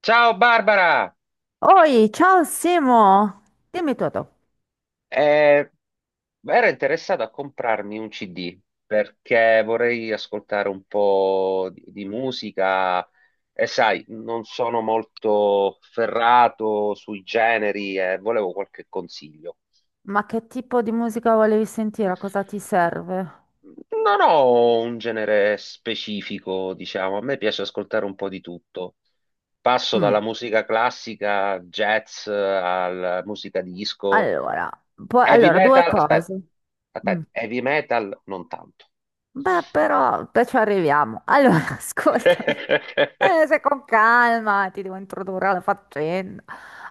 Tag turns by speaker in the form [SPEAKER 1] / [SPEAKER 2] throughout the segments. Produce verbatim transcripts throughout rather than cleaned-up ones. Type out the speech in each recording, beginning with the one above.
[SPEAKER 1] Ciao Barbara,
[SPEAKER 2] Oi, ciao Simo! Dimmi tutto.
[SPEAKER 1] Eh, ero interessato a comprarmi un C D perché vorrei ascoltare un po' di, di musica e sai, non sono molto ferrato sui generi e volevo qualche consiglio.
[SPEAKER 2] Ma che tipo di musica volevi sentire? Cosa ti serve?
[SPEAKER 1] Non ho un genere specifico, diciamo, a me piace ascoltare un po' di tutto. Passo dalla
[SPEAKER 2] Mm,
[SPEAKER 1] musica classica, jazz, alla musica disco.
[SPEAKER 2] Allora, poi-
[SPEAKER 1] Heavy
[SPEAKER 2] allora, due
[SPEAKER 1] metal, aspetta,
[SPEAKER 2] cose. Mm.
[SPEAKER 1] aspetta, heavy metal non tanto.
[SPEAKER 2] Beh, però, beh, ci arriviamo. Allora, ascoltami. Eh, se con calma ti devo introdurre alla faccenda.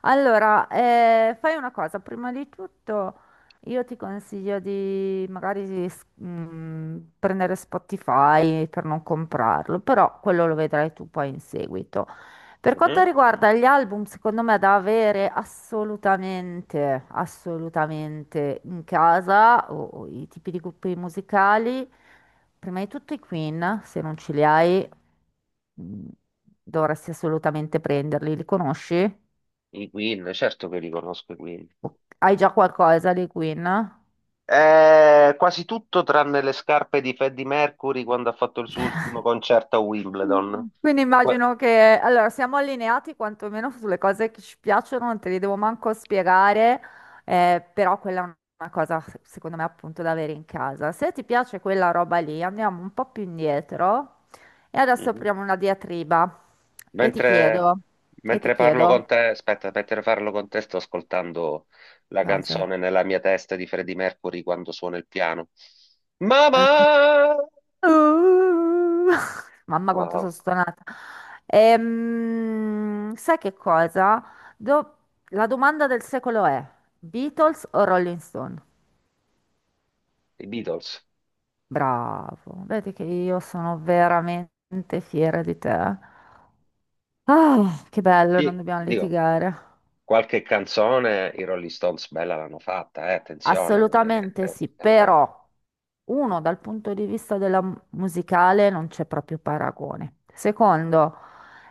[SPEAKER 2] Allora, eh, fai una cosa. Prima di tutto, io ti consiglio di magari di s- mm, prendere Spotify per non comprarlo, però quello lo vedrai tu poi in seguito. Per quanto
[SPEAKER 1] Mhm.
[SPEAKER 2] riguarda gli album, secondo me da avere assolutamente, assolutamente in casa o, o i tipi di gruppi musicali, prima di tutto i Queen, se non ce li hai, mh, dovresti assolutamente prenderli. Li conosci?
[SPEAKER 1] I Queen, certo che li conosco i Queen.
[SPEAKER 2] O- Hai già qualcosa dei Queen?
[SPEAKER 1] Eh, quasi tutto tranne le scarpe di Freddie Mercury quando ha fatto il suo ultimo concerto a Wimbledon.
[SPEAKER 2] Quindi
[SPEAKER 1] Que-
[SPEAKER 2] immagino che, allora, siamo allineati quantomeno sulle cose che ci piacciono, non te le devo manco spiegare, eh, però quella è una cosa, secondo me, appunto da avere in casa. Se ti piace quella roba lì, andiamo un po' più indietro e adesso
[SPEAKER 1] Mhm.
[SPEAKER 2] apriamo una diatriba e ti
[SPEAKER 1] Mentre,
[SPEAKER 2] chiedo, e ti
[SPEAKER 1] mentre parlo con
[SPEAKER 2] chiedo,
[SPEAKER 1] te, aspetta, mentre parlo con te sto ascoltando la
[SPEAKER 2] cosa?
[SPEAKER 1] canzone nella mia testa di Freddie Mercury quando suona il piano.
[SPEAKER 2] Ecco.
[SPEAKER 1] Mamma!
[SPEAKER 2] Uh, Mamma quanto sono
[SPEAKER 1] Wow.
[SPEAKER 2] stonata. Ehm, sai che cosa? Do- La domanda del secolo è Beatles o Rolling Stone?
[SPEAKER 1] I Beatles.
[SPEAKER 2] Bravo, vedi che io sono veramente fiera di te. Ah, che bello, non
[SPEAKER 1] Di-
[SPEAKER 2] dobbiamo
[SPEAKER 1] dico,
[SPEAKER 2] litigare.
[SPEAKER 1] qualche canzone i Rolling Stones bella l'hanno fatta, eh, attenzione. Non è che-
[SPEAKER 2] Assolutamente
[SPEAKER 1] eh,
[SPEAKER 2] sì,
[SPEAKER 1] per carità.
[SPEAKER 2] però uno, dal punto di vista della mu- musicale non c'è proprio paragone. Secondo,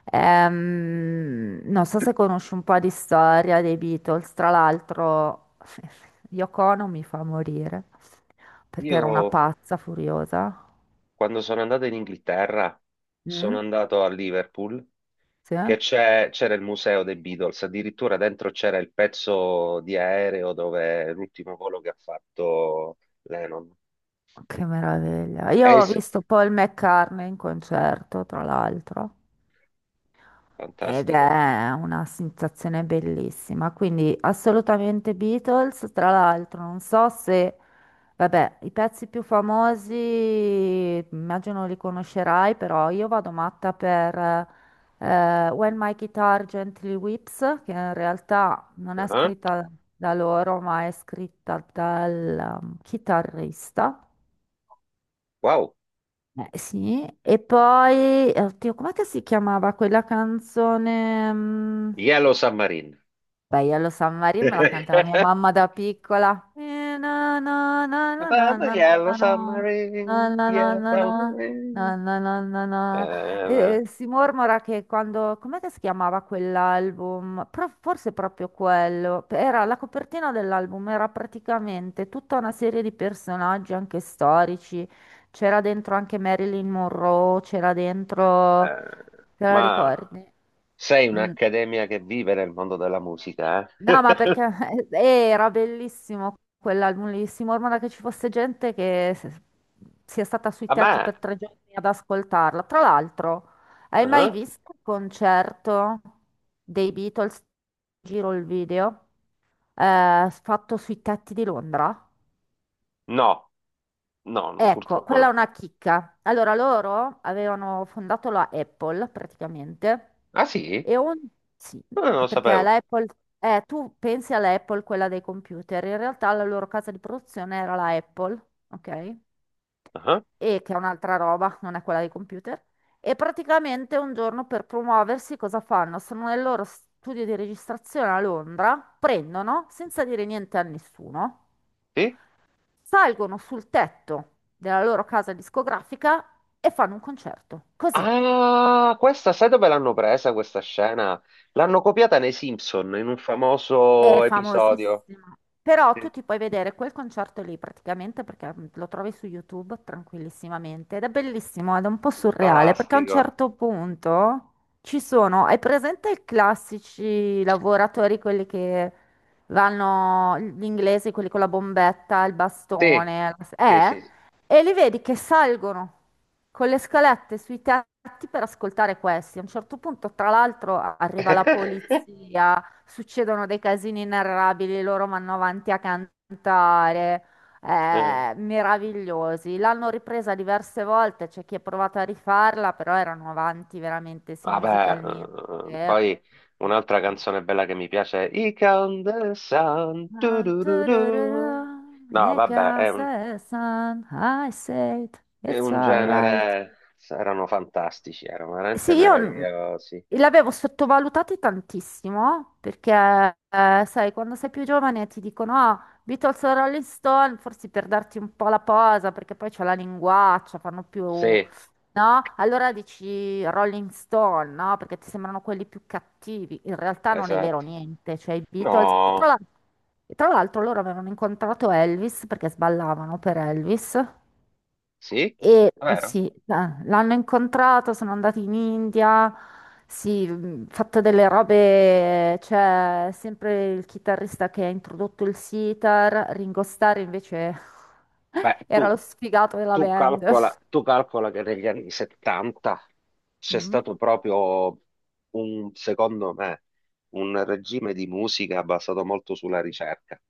[SPEAKER 2] ehm, non so se conosci un po' di storia dei Beatles, tra l'altro Yoko Ono mi fa morire perché
[SPEAKER 1] Io
[SPEAKER 2] era una pazza furiosa.
[SPEAKER 1] quando sono andato in Inghilterra,
[SPEAKER 2] Mm?
[SPEAKER 1] sono andato a Liverpool,
[SPEAKER 2] Sì?
[SPEAKER 1] che c'è- c'era il museo dei Beatles, addirittura dentro c'era il pezzo di aereo dove è l'ultimo volo che ha fatto Lennon.
[SPEAKER 2] Che meraviglia. Io
[SPEAKER 1] È
[SPEAKER 2] ho
[SPEAKER 1] s-
[SPEAKER 2] visto Paul McCartney in concerto, tra l'altro. Ed
[SPEAKER 1] fantastico.
[SPEAKER 2] è una sensazione bellissima, quindi assolutamente Beatles. Tra l'altro, non so se, vabbè, i pezzi più famosi immagino li conoscerai, però io vado matta per eh, When My Guitar Gently Weeps, che in realtà non è
[SPEAKER 1] Ah,
[SPEAKER 2] scritta da loro, ma è scritta dal um, chitarrista.
[SPEAKER 1] wow,
[SPEAKER 2] Eh, sì, e poi, eh, oddio, com'è che si chiamava quella canzone? mm,
[SPEAKER 1] Yellow Submarine.
[SPEAKER 2] Beh, io lo San Marino me la cantava mia mamma da piccola. Eh, na, na, na, na, na,
[SPEAKER 1] Matata
[SPEAKER 2] na, na,
[SPEAKER 1] yellow
[SPEAKER 2] na, na,
[SPEAKER 1] submarine,
[SPEAKER 2] na, na,
[SPEAKER 1] yellow
[SPEAKER 2] na, na,
[SPEAKER 1] submarine.
[SPEAKER 2] na, na, na, na. E,
[SPEAKER 1] Eh,
[SPEAKER 2] eh, si mormora che quando... Com'è che si chiamava quell'album? Pro- forse proprio quello. Era la copertina dell'album, era praticamente tutta una serie di personaggi anche storici. C'era dentro anche Marilyn Monroe, c'era dentro...
[SPEAKER 1] eh,
[SPEAKER 2] Te la
[SPEAKER 1] ma
[SPEAKER 2] ricordi?
[SPEAKER 1] sei
[SPEAKER 2] Mm.
[SPEAKER 1] un'accademia che vive nel mondo della musica,
[SPEAKER 2] No,
[SPEAKER 1] eh?
[SPEAKER 2] ma perché eh, era bellissimo quell'album lì, si mormora che ci fosse gente che se- sia stata sui
[SPEAKER 1] A
[SPEAKER 2] teatri
[SPEAKER 1] me?
[SPEAKER 2] per tre giorni ad ascoltarla. Tra l'altro, hai mai
[SPEAKER 1] Ah,
[SPEAKER 2] visto il concerto dei Beatles? Giro il video, eh, fatto sui tetti di Londra.
[SPEAKER 1] no, no, no,
[SPEAKER 2] Ecco,
[SPEAKER 1] purtroppo
[SPEAKER 2] quella è
[SPEAKER 1] no.
[SPEAKER 2] una chicca. Allora, loro avevano fondato la Apple praticamente.
[SPEAKER 1] Ah sì?
[SPEAKER 2] E on- sì,
[SPEAKER 1] No, no, non lo
[SPEAKER 2] perché
[SPEAKER 1] sapevo.
[SPEAKER 2] l'Apple, eh, tu pensi all'Apple, quella dei computer, in realtà la loro casa di produzione era la Apple, ok?
[SPEAKER 1] Ah,
[SPEAKER 2] E che è un'altra roba, non è quella dei computer. E praticamente un giorno per promuoversi cosa fanno? Sono nel loro studio di registrazione a Londra, prendono, senza dire niente a nessuno,
[SPEAKER 1] sì?
[SPEAKER 2] salgono sul tetto della loro casa discografica e fanno un concerto. Così.
[SPEAKER 1] Ah, questa, sai dove l'hanno presa questa scena? L'hanno copiata nei Simpson in un
[SPEAKER 2] È
[SPEAKER 1] famoso
[SPEAKER 2] famosissimo.
[SPEAKER 1] episodio.
[SPEAKER 2] Però
[SPEAKER 1] Sì.
[SPEAKER 2] tu ti puoi vedere quel concerto lì praticamente perché mm, lo trovi su YouTube tranquillissimamente ed è bellissimo ed è un po' surreale perché a un
[SPEAKER 1] Fantastico.
[SPEAKER 2] certo punto ci sono, hai presente i classici lavoratori, quelli che vanno, gli inglesi, quelli con la bombetta, il
[SPEAKER 1] Sì,
[SPEAKER 2] bastone,
[SPEAKER 1] sì,
[SPEAKER 2] eh?
[SPEAKER 1] sì.
[SPEAKER 2] E li vedi che salgono con le scalette sui tetti per ascoltare questi. A un certo punto, tra l'altro, arriva la polizia, succedono dei casini inarrabili, loro vanno avanti a cantare,
[SPEAKER 1] Eh.
[SPEAKER 2] eh, meravigliosi. L'hanno ripresa diverse volte, c'è chi ha provato a rifarla, però erano avanti veramente sia
[SPEAKER 1] Vabbè,
[SPEAKER 2] musicalmente.
[SPEAKER 1] eh, poi un'altra canzone bella che mi piace è I Count the Sun. Tu,
[SPEAKER 2] And
[SPEAKER 1] tu, tu, tu.
[SPEAKER 2] turururu,
[SPEAKER 1] No,
[SPEAKER 2] here
[SPEAKER 1] vabbè, è
[SPEAKER 2] comes
[SPEAKER 1] un,
[SPEAKER 2] the sun, I said,
[SPEAKER 1] è
[SPEAKER 2] it's
[SPEAKER 1] un
[SPEAKER 2] alright.
[SPEAKER 1] genere. Erano fantastici, erano veramente
[SPEAKER 2] Sì, io l-
[SPEAKER 1] meravigliosi.
[SPEAKER 2] l'avevo sottovalutato tantissimo perché, eh, sai, quando sei più giovane ti dicono, ah, Beatles o Rolling Stone, forse per darti un po' la posa, perché poi c'è la linguaccia, fanno più, no?
[SPEAKER 1] Sì,
[SPEAKER 2] Allora dici Rolling Stone, no? Perché ti sembrano quelli più cattivi. In realtà non è vero
[SPEAKER 1] esatto.
[SPEAKER 2] niente, cioè i Beatles... e Tra l'al-
[SPEAKER 1] No,
[SPEAKER 2] e tra l'altro loro avevano incontrato Elvis perché sballavano per Elvis.
[SPEAKER 1] sì,
[SPEAKER 2] E mhmm,
[SPEAKER 1] vero?
[SPEAKER 2] sì, eh, l'hanno incontrato, sono andati in India, sì, mh, fatto delle robe, c'è sempre il chitarrista che ha introdotto il sitar, Ringo Starr invece
[SPEAKER 1] Beh, tu.
[SPEAKER 2] era lo sfigato della
[SPEAKER 1] Tu
[SPEAKER 2] band.
[SPEAKER 1] calcola, tu calcola che negli anni settanta c'è
[SPEAKER 2] Mm,
[SPEAKER 1] stato proprio un, secondo me, un regime di musica basato molto sulla ricerca.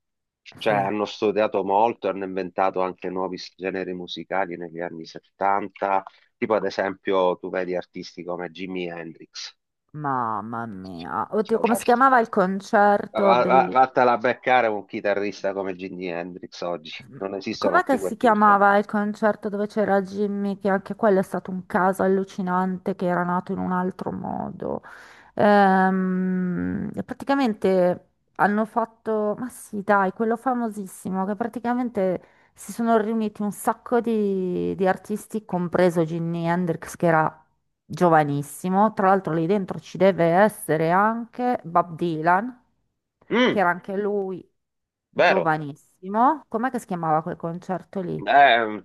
[SPEAKER 1] Cioè
[SPEAKER 2] Sì,
[SPEAKER 1] hanno studiato molto, hanno inventato anche nuovi s- generi musicali negli anni settanta, tipo ad esempio tu vedi artisti come Jimi Hendrix.
[SPEAKER 2] mamma mia.
[SPEAKER 1] Cioè,
[SPEAKER 2] Oddio, come
[SPEAKER 1] va-
[SPEAKER 2] si chiamava il concerto?
[SPEAKER 1] va- va- vattela a beccare un chitarrista come Jimi Hendrix oggi, non
[SPEAKER 2] Com'è
[SPEAKER 1] esistono
[SPEAKER 2] che
[SPEAKER 1] più
[SPEAKER 2] si
[SPEAKER 1] questi persone.
[SPEAKER 2] chiamava il concerto dove c'era Jimmy? Che anche quello è stato un caso allucinante che era nato in un altro modo. Ehm, praticamente hanno fatto, ma sì, dai, quello famosissimo che praticamente si sono riuniti un sacco di, di artisti, compreso Jimi Hendrix che era giovanissimo. Tra l'altro lì dentro ci deve essere anche Bob Dylan che
[SPEAKER 1] Mm,
[SPEAKER 2] era anche lui
[SPEAKER 1] vero,
[SPEAKER 2] giovanissimo. Com'è che si chiamava quel concerto lì?
[SPEAKER 1] eh,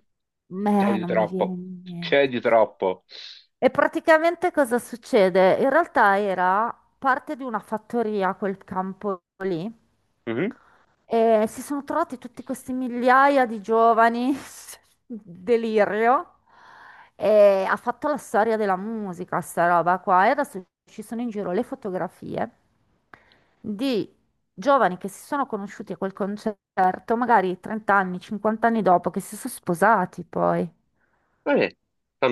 [SPEAKER 1] c'è
[SPEAKER 2] Meh,
[SPEAKER 1] di
[SPEAKER 2] non mi viene
[SPEAKER 1] troppo,
[SPEAKER 2] in
[SPEAKER 1] c'è
[SPEAKER 2] mente.
[SPEAKER 1] di troppo.
[SPEAKER 2] E praticamente cosa succede? In realtà era parte di una fattoria quel campo lì.
[SPEAKER 1] Mhm.
[SPEAKER 2] E si sono trovati tutti questi migliaia di giovani, delirio, e ha fatto la storia della musica, sta roba qua. E adesso ci sono in giro le fotografie di giovani che si sono conosciuti a quel concerto, magari trenta anni, cinquanta anni dopo, che si sono sposati poi.
[SPEAKER 1] Eh,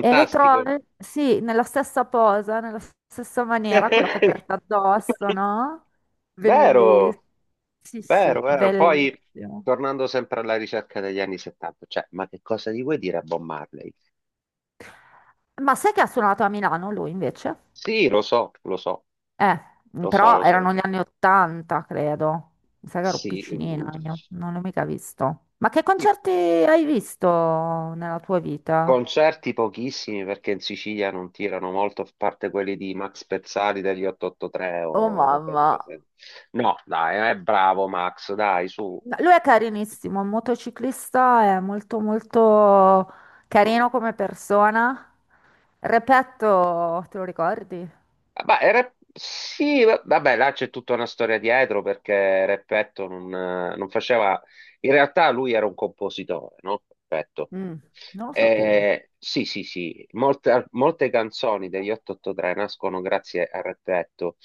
[SPEAKER 2] E le trovi, sì, nella stessa posa, nella stessa maniera, con la coperta addosso, no?
[SPEAKER 1] Vero,
[SPEAKER 2] Bellissimo. Sì, sì,
[SPEAKER 1] vero, vero. Poi,
[SPEAKER 2] bellissimo.
[SPEAKER 1] tornando sempre alla ricerca degli anni settanta, cioè, ma che cosa gli vuoi dire a Bob Marley?
[SPEAKER 2] Ma sai che ha suonato a Milano lui invece?
[SPEAKER 1] Sì, lo so, lo so,
[SPEAKER 2] Eh,
[SPEAKER 1] lo so,
[SPEAKER 2] però
[SPEAKER 1] lo
[SPEAKER 2] erano
[SPEAKER 1] so.
[SPEAKER 2] gli anni ottanta, credo. Mi sa che ero
[SPEAKER 1] Sì, mm,
[SPEAKER 2] piccinina io, non l'ho mica visto. Ma che
[SPEAKER 1] sì.
[SPEAKER 2] concerti hai visto nella tua vita?
[SPEAKER 1] Concerti pochissimi perché in Sicilia non tirano molto, a parte quelli di Max Pezzali degli otto otto tre
[SPEAKER 2] Oh
[SPEAKER 1] o robe di
[SPEAKER 2] mamma.
[SPEAKER 1] queste- No, dai, è bravo Max, dai, su.
[SPEAKER 2] Ma lui è carinissimo, è un motociclista, è molto molto
[SPEAKER 1] Mm.
[SPEAKER 2] carino come persona. Repetto, te lo ricordi?
[SPEAKER 1] Ma il rap- sì, va- vabbè, là c'è tutta una storia dietro perché Repetto non, eh, non faceva... In realtà lui era un compositore, no? Repetto.
[SPEAKER 2] Mm, non lo sapevo.
[SPEAKER 1] Eh, sì, sì, sì, molte, molte canzoni degli otto otto tre nascono grazie a Repetto.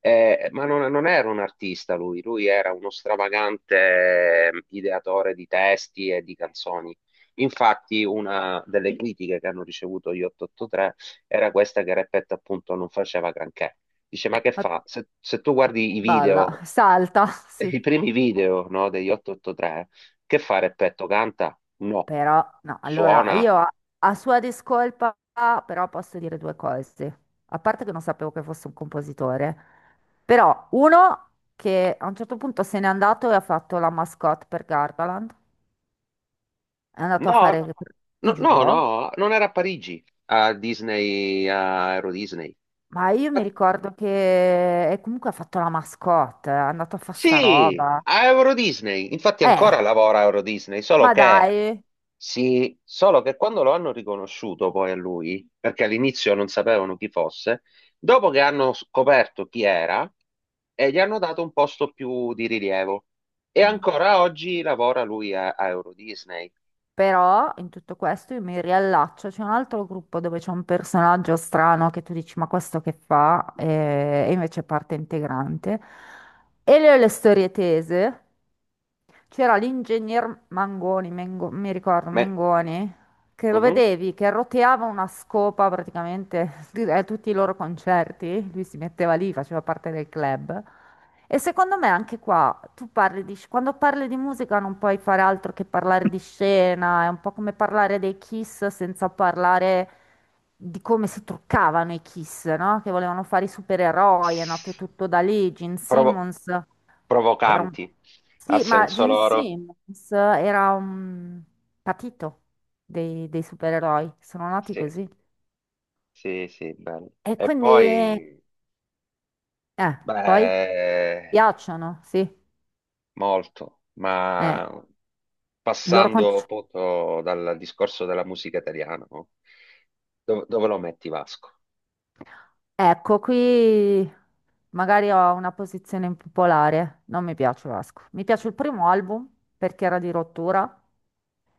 [SPEAKER 1] Eh, ma non, non era un artista lui, lui era uno stravagante eh, ideatore di testi e di canzoni. Infatti, una delle critiche che hanno ricevuto gli otto otto tre era questa, che Repet appunto non faceva granché. Dice, ma che
[SPEAKER 2] Ma-
[SPEAKER 1] fa? Se, se tu guardi i
[SPEAKER 2] Balla,
[SPEAKER 1] video,
[SPEAKER 2] salta, sì.
[SPEAKER 1] i primi video, no, degli otto otto tre, che fa Repetto? Canta? No.
[SPEAKER 2] Però, no, allora
[SPEAKER 1] Suona?
[SPEAKER 2] io a, a sua discolpa, però posso dire due cose. A parte che non sapevo che fosse un compositore, però uno che a un certo punto se n'è andato e ha fatto la mascotte per Gardaland, è andato a
[SPEAKER 1] No,
[SPEAKER 2] fare,
[SPEAKER 1] no,
[SPEAKER 2] ti
[SPEAKER 1] no, no,
[SPEAKER 2] giuro,
[SPEAKER 1] non era a Parigi, a Disney, a Euro Disney.
[SPEAKER 2] ma io mi ricordo che e comunque ha fatto la mascotte, è andato a fare sta
[SPEAKER 1] Sì,
[SPEAKER 2] roba.
[SPEAKER 1] a Euro Disney. Infatti
[SPEAKER 2] Eh,
[SPEAKER 1] ancora lavora a Euro Disney, solo
[SPEAKER 2] ma
[SPEAKER 1] che,
[SPEAKER 2] dai.
[SPEAKER 1] sì, solo che quando lo hanno riconosciuto poi a lui, perché all'inizio non sapevano chi fosse, dopo che hanno scoperto chi era, e gli hanno dato un posto più di rilievo. E
[SPEAKER 2] Ah.
[SPEAKER 1] ancora oggi lavora lui a, a Euro Disney.
[SPEAKER 2] Però in tutto questo io mi riallaccio, c'è un altro gruppo dove c'è un personaggio strano che tu dici ma questo che fa? E, e invece è parte integrante. E le ho le storie tese, c'era l'ingegner Mangoni, Mengo- mi ricordo,
[SPEAKER 1] Me-
[SPEAKER 2] Mengoni, che lo
[SPEAKER 1] mhm.
[SPEAKER 2] vedevi, che roteava una scopa praticamente a tutti i loro concerti. Lui si metteva lì, faceva parte del club. E secondo me anche qua, tu parli di, sc- quando parli di musica non puoi fare altro che parlare di scena, è un po' come parlare dei Kiss senza parlare di come si truccavano i Kiss, no? Che volevano fare i supereroi, è nato tutto da lì, Gene
[SPEAKER 1] Provo-
[SPEAKER 2] Simmons. Era un...
[SPEAKER 1] provocanti, a
[SPEAKER 2] Sì, ma
[SPEAKER 1] senso
[SPEAKER 2] Gene
[SPEAKER 1] loro.
[SPEAKER 2] Simmons era un patito dei, dei supereroi, sono nati
[SPEAKER 1] Sì,
[SPEAKER 2] così.
[SPEAKER 1] sì, sì, bello.
[SPEAKER 2] E
[SPEAKER 1] E
[SPEAKER 2] quindi, eh,
[SPEAKER 1] poi...
[SPEAKER 2] poi
[SPEAKER 1] Beh,
[SPEAKER 2] piacciono, sì.
[SPEAKER 1] molto,
[SPEAKER 2] Eh,
[SPEAKER 1] ma
[SPEAKER 2] il loro
[SPEAKER 1] passando
[SPEAKER 2] conce-
[SPEAKER 1] appunto dal discorso della musica italiana, no? Dove, dove lo metti Vasco?
[SPEAKER 2] ecco, qui magari ho una posizione impopolare, non mi piace Vasco. Mi piace il primo album perché era di rottura.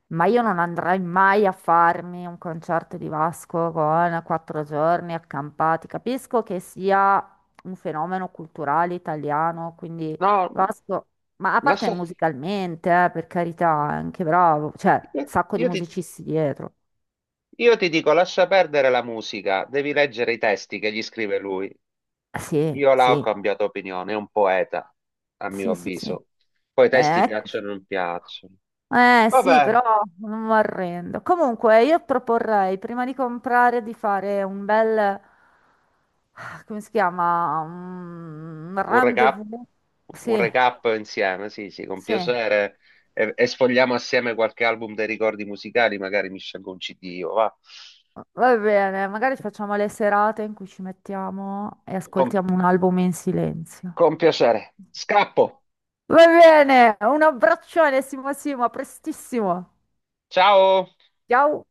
[SPEAKER 2] Ma io non andrei mai a farmi un concerto di Vasco con quattro giorni accampati. Capisco che sia un fenomeno culturale italiano, quindi
[SPEAKER 1] No,
[SPEAKER 2] Vasco, ma a parte
[SPEAKER 1] lascia,
[SPEAKER 2] musicalmente, eh, per carità, è anche bravo, cioè,
[SPEAKER 1] io,
[SPEAKER 2] sacco di
[SPEAKER 1] io ti,
[SPEAKER 2] musicisti dietro.
[SPEAKER 1] io ti dico, lascia perdere la musica, devi leggere i testi che gli scrive lui.
[SPEAKER 2] Eh sì,
[SPEAKER 1] Io là ho
[SPEAKER 2] sì,
[SPEAKER 1] cambiato opinione, è un poeta, a mio
[SPEAKER 2] sì, sì, sì. Eh,
[SPEAKER 1] avviso. Poi i testi
[SPEAKER 2] beh, ecco.
[SPEAKER 1] piacciono o non piacciono.
[SPEAKER 2] Eh sì, però
[SPEAKER 1] Vabbè,
[SPEAKER 2] non mi arrendo. Comunque, io proporrei prima di comprare di fare un bel, ah, come si chiama? Un
[SPEAKER 1] un recap,
[SPEAKER 2] rendezvous.
[SPEAKER 1] un
[SPEAKER 2] Sì,
[SPEAKER 1] recap insieme, sì, sì, con
[SPEAKER 2] sì.
[SPEAKER 1] piacere. E, e sfogliamo assieme qualche album dei ricordi musicali, magari mi scelgo un C D, io, va.
[SPEAKER 2] Va bene, magari facciamo le serate in cui ci mettiamo e
[SPEAKER 1] Con,
[SPEAKER 2] ascoltiamo un album in silenzio.
[SPEAKER 1] con piacere. Scappo.
[SPEAKER 2] Va bene, un abbraccione, Simo Simo, a prestissimo.
[SPEAKER 1] Ciao.
[SPEAKER 2] Ciao.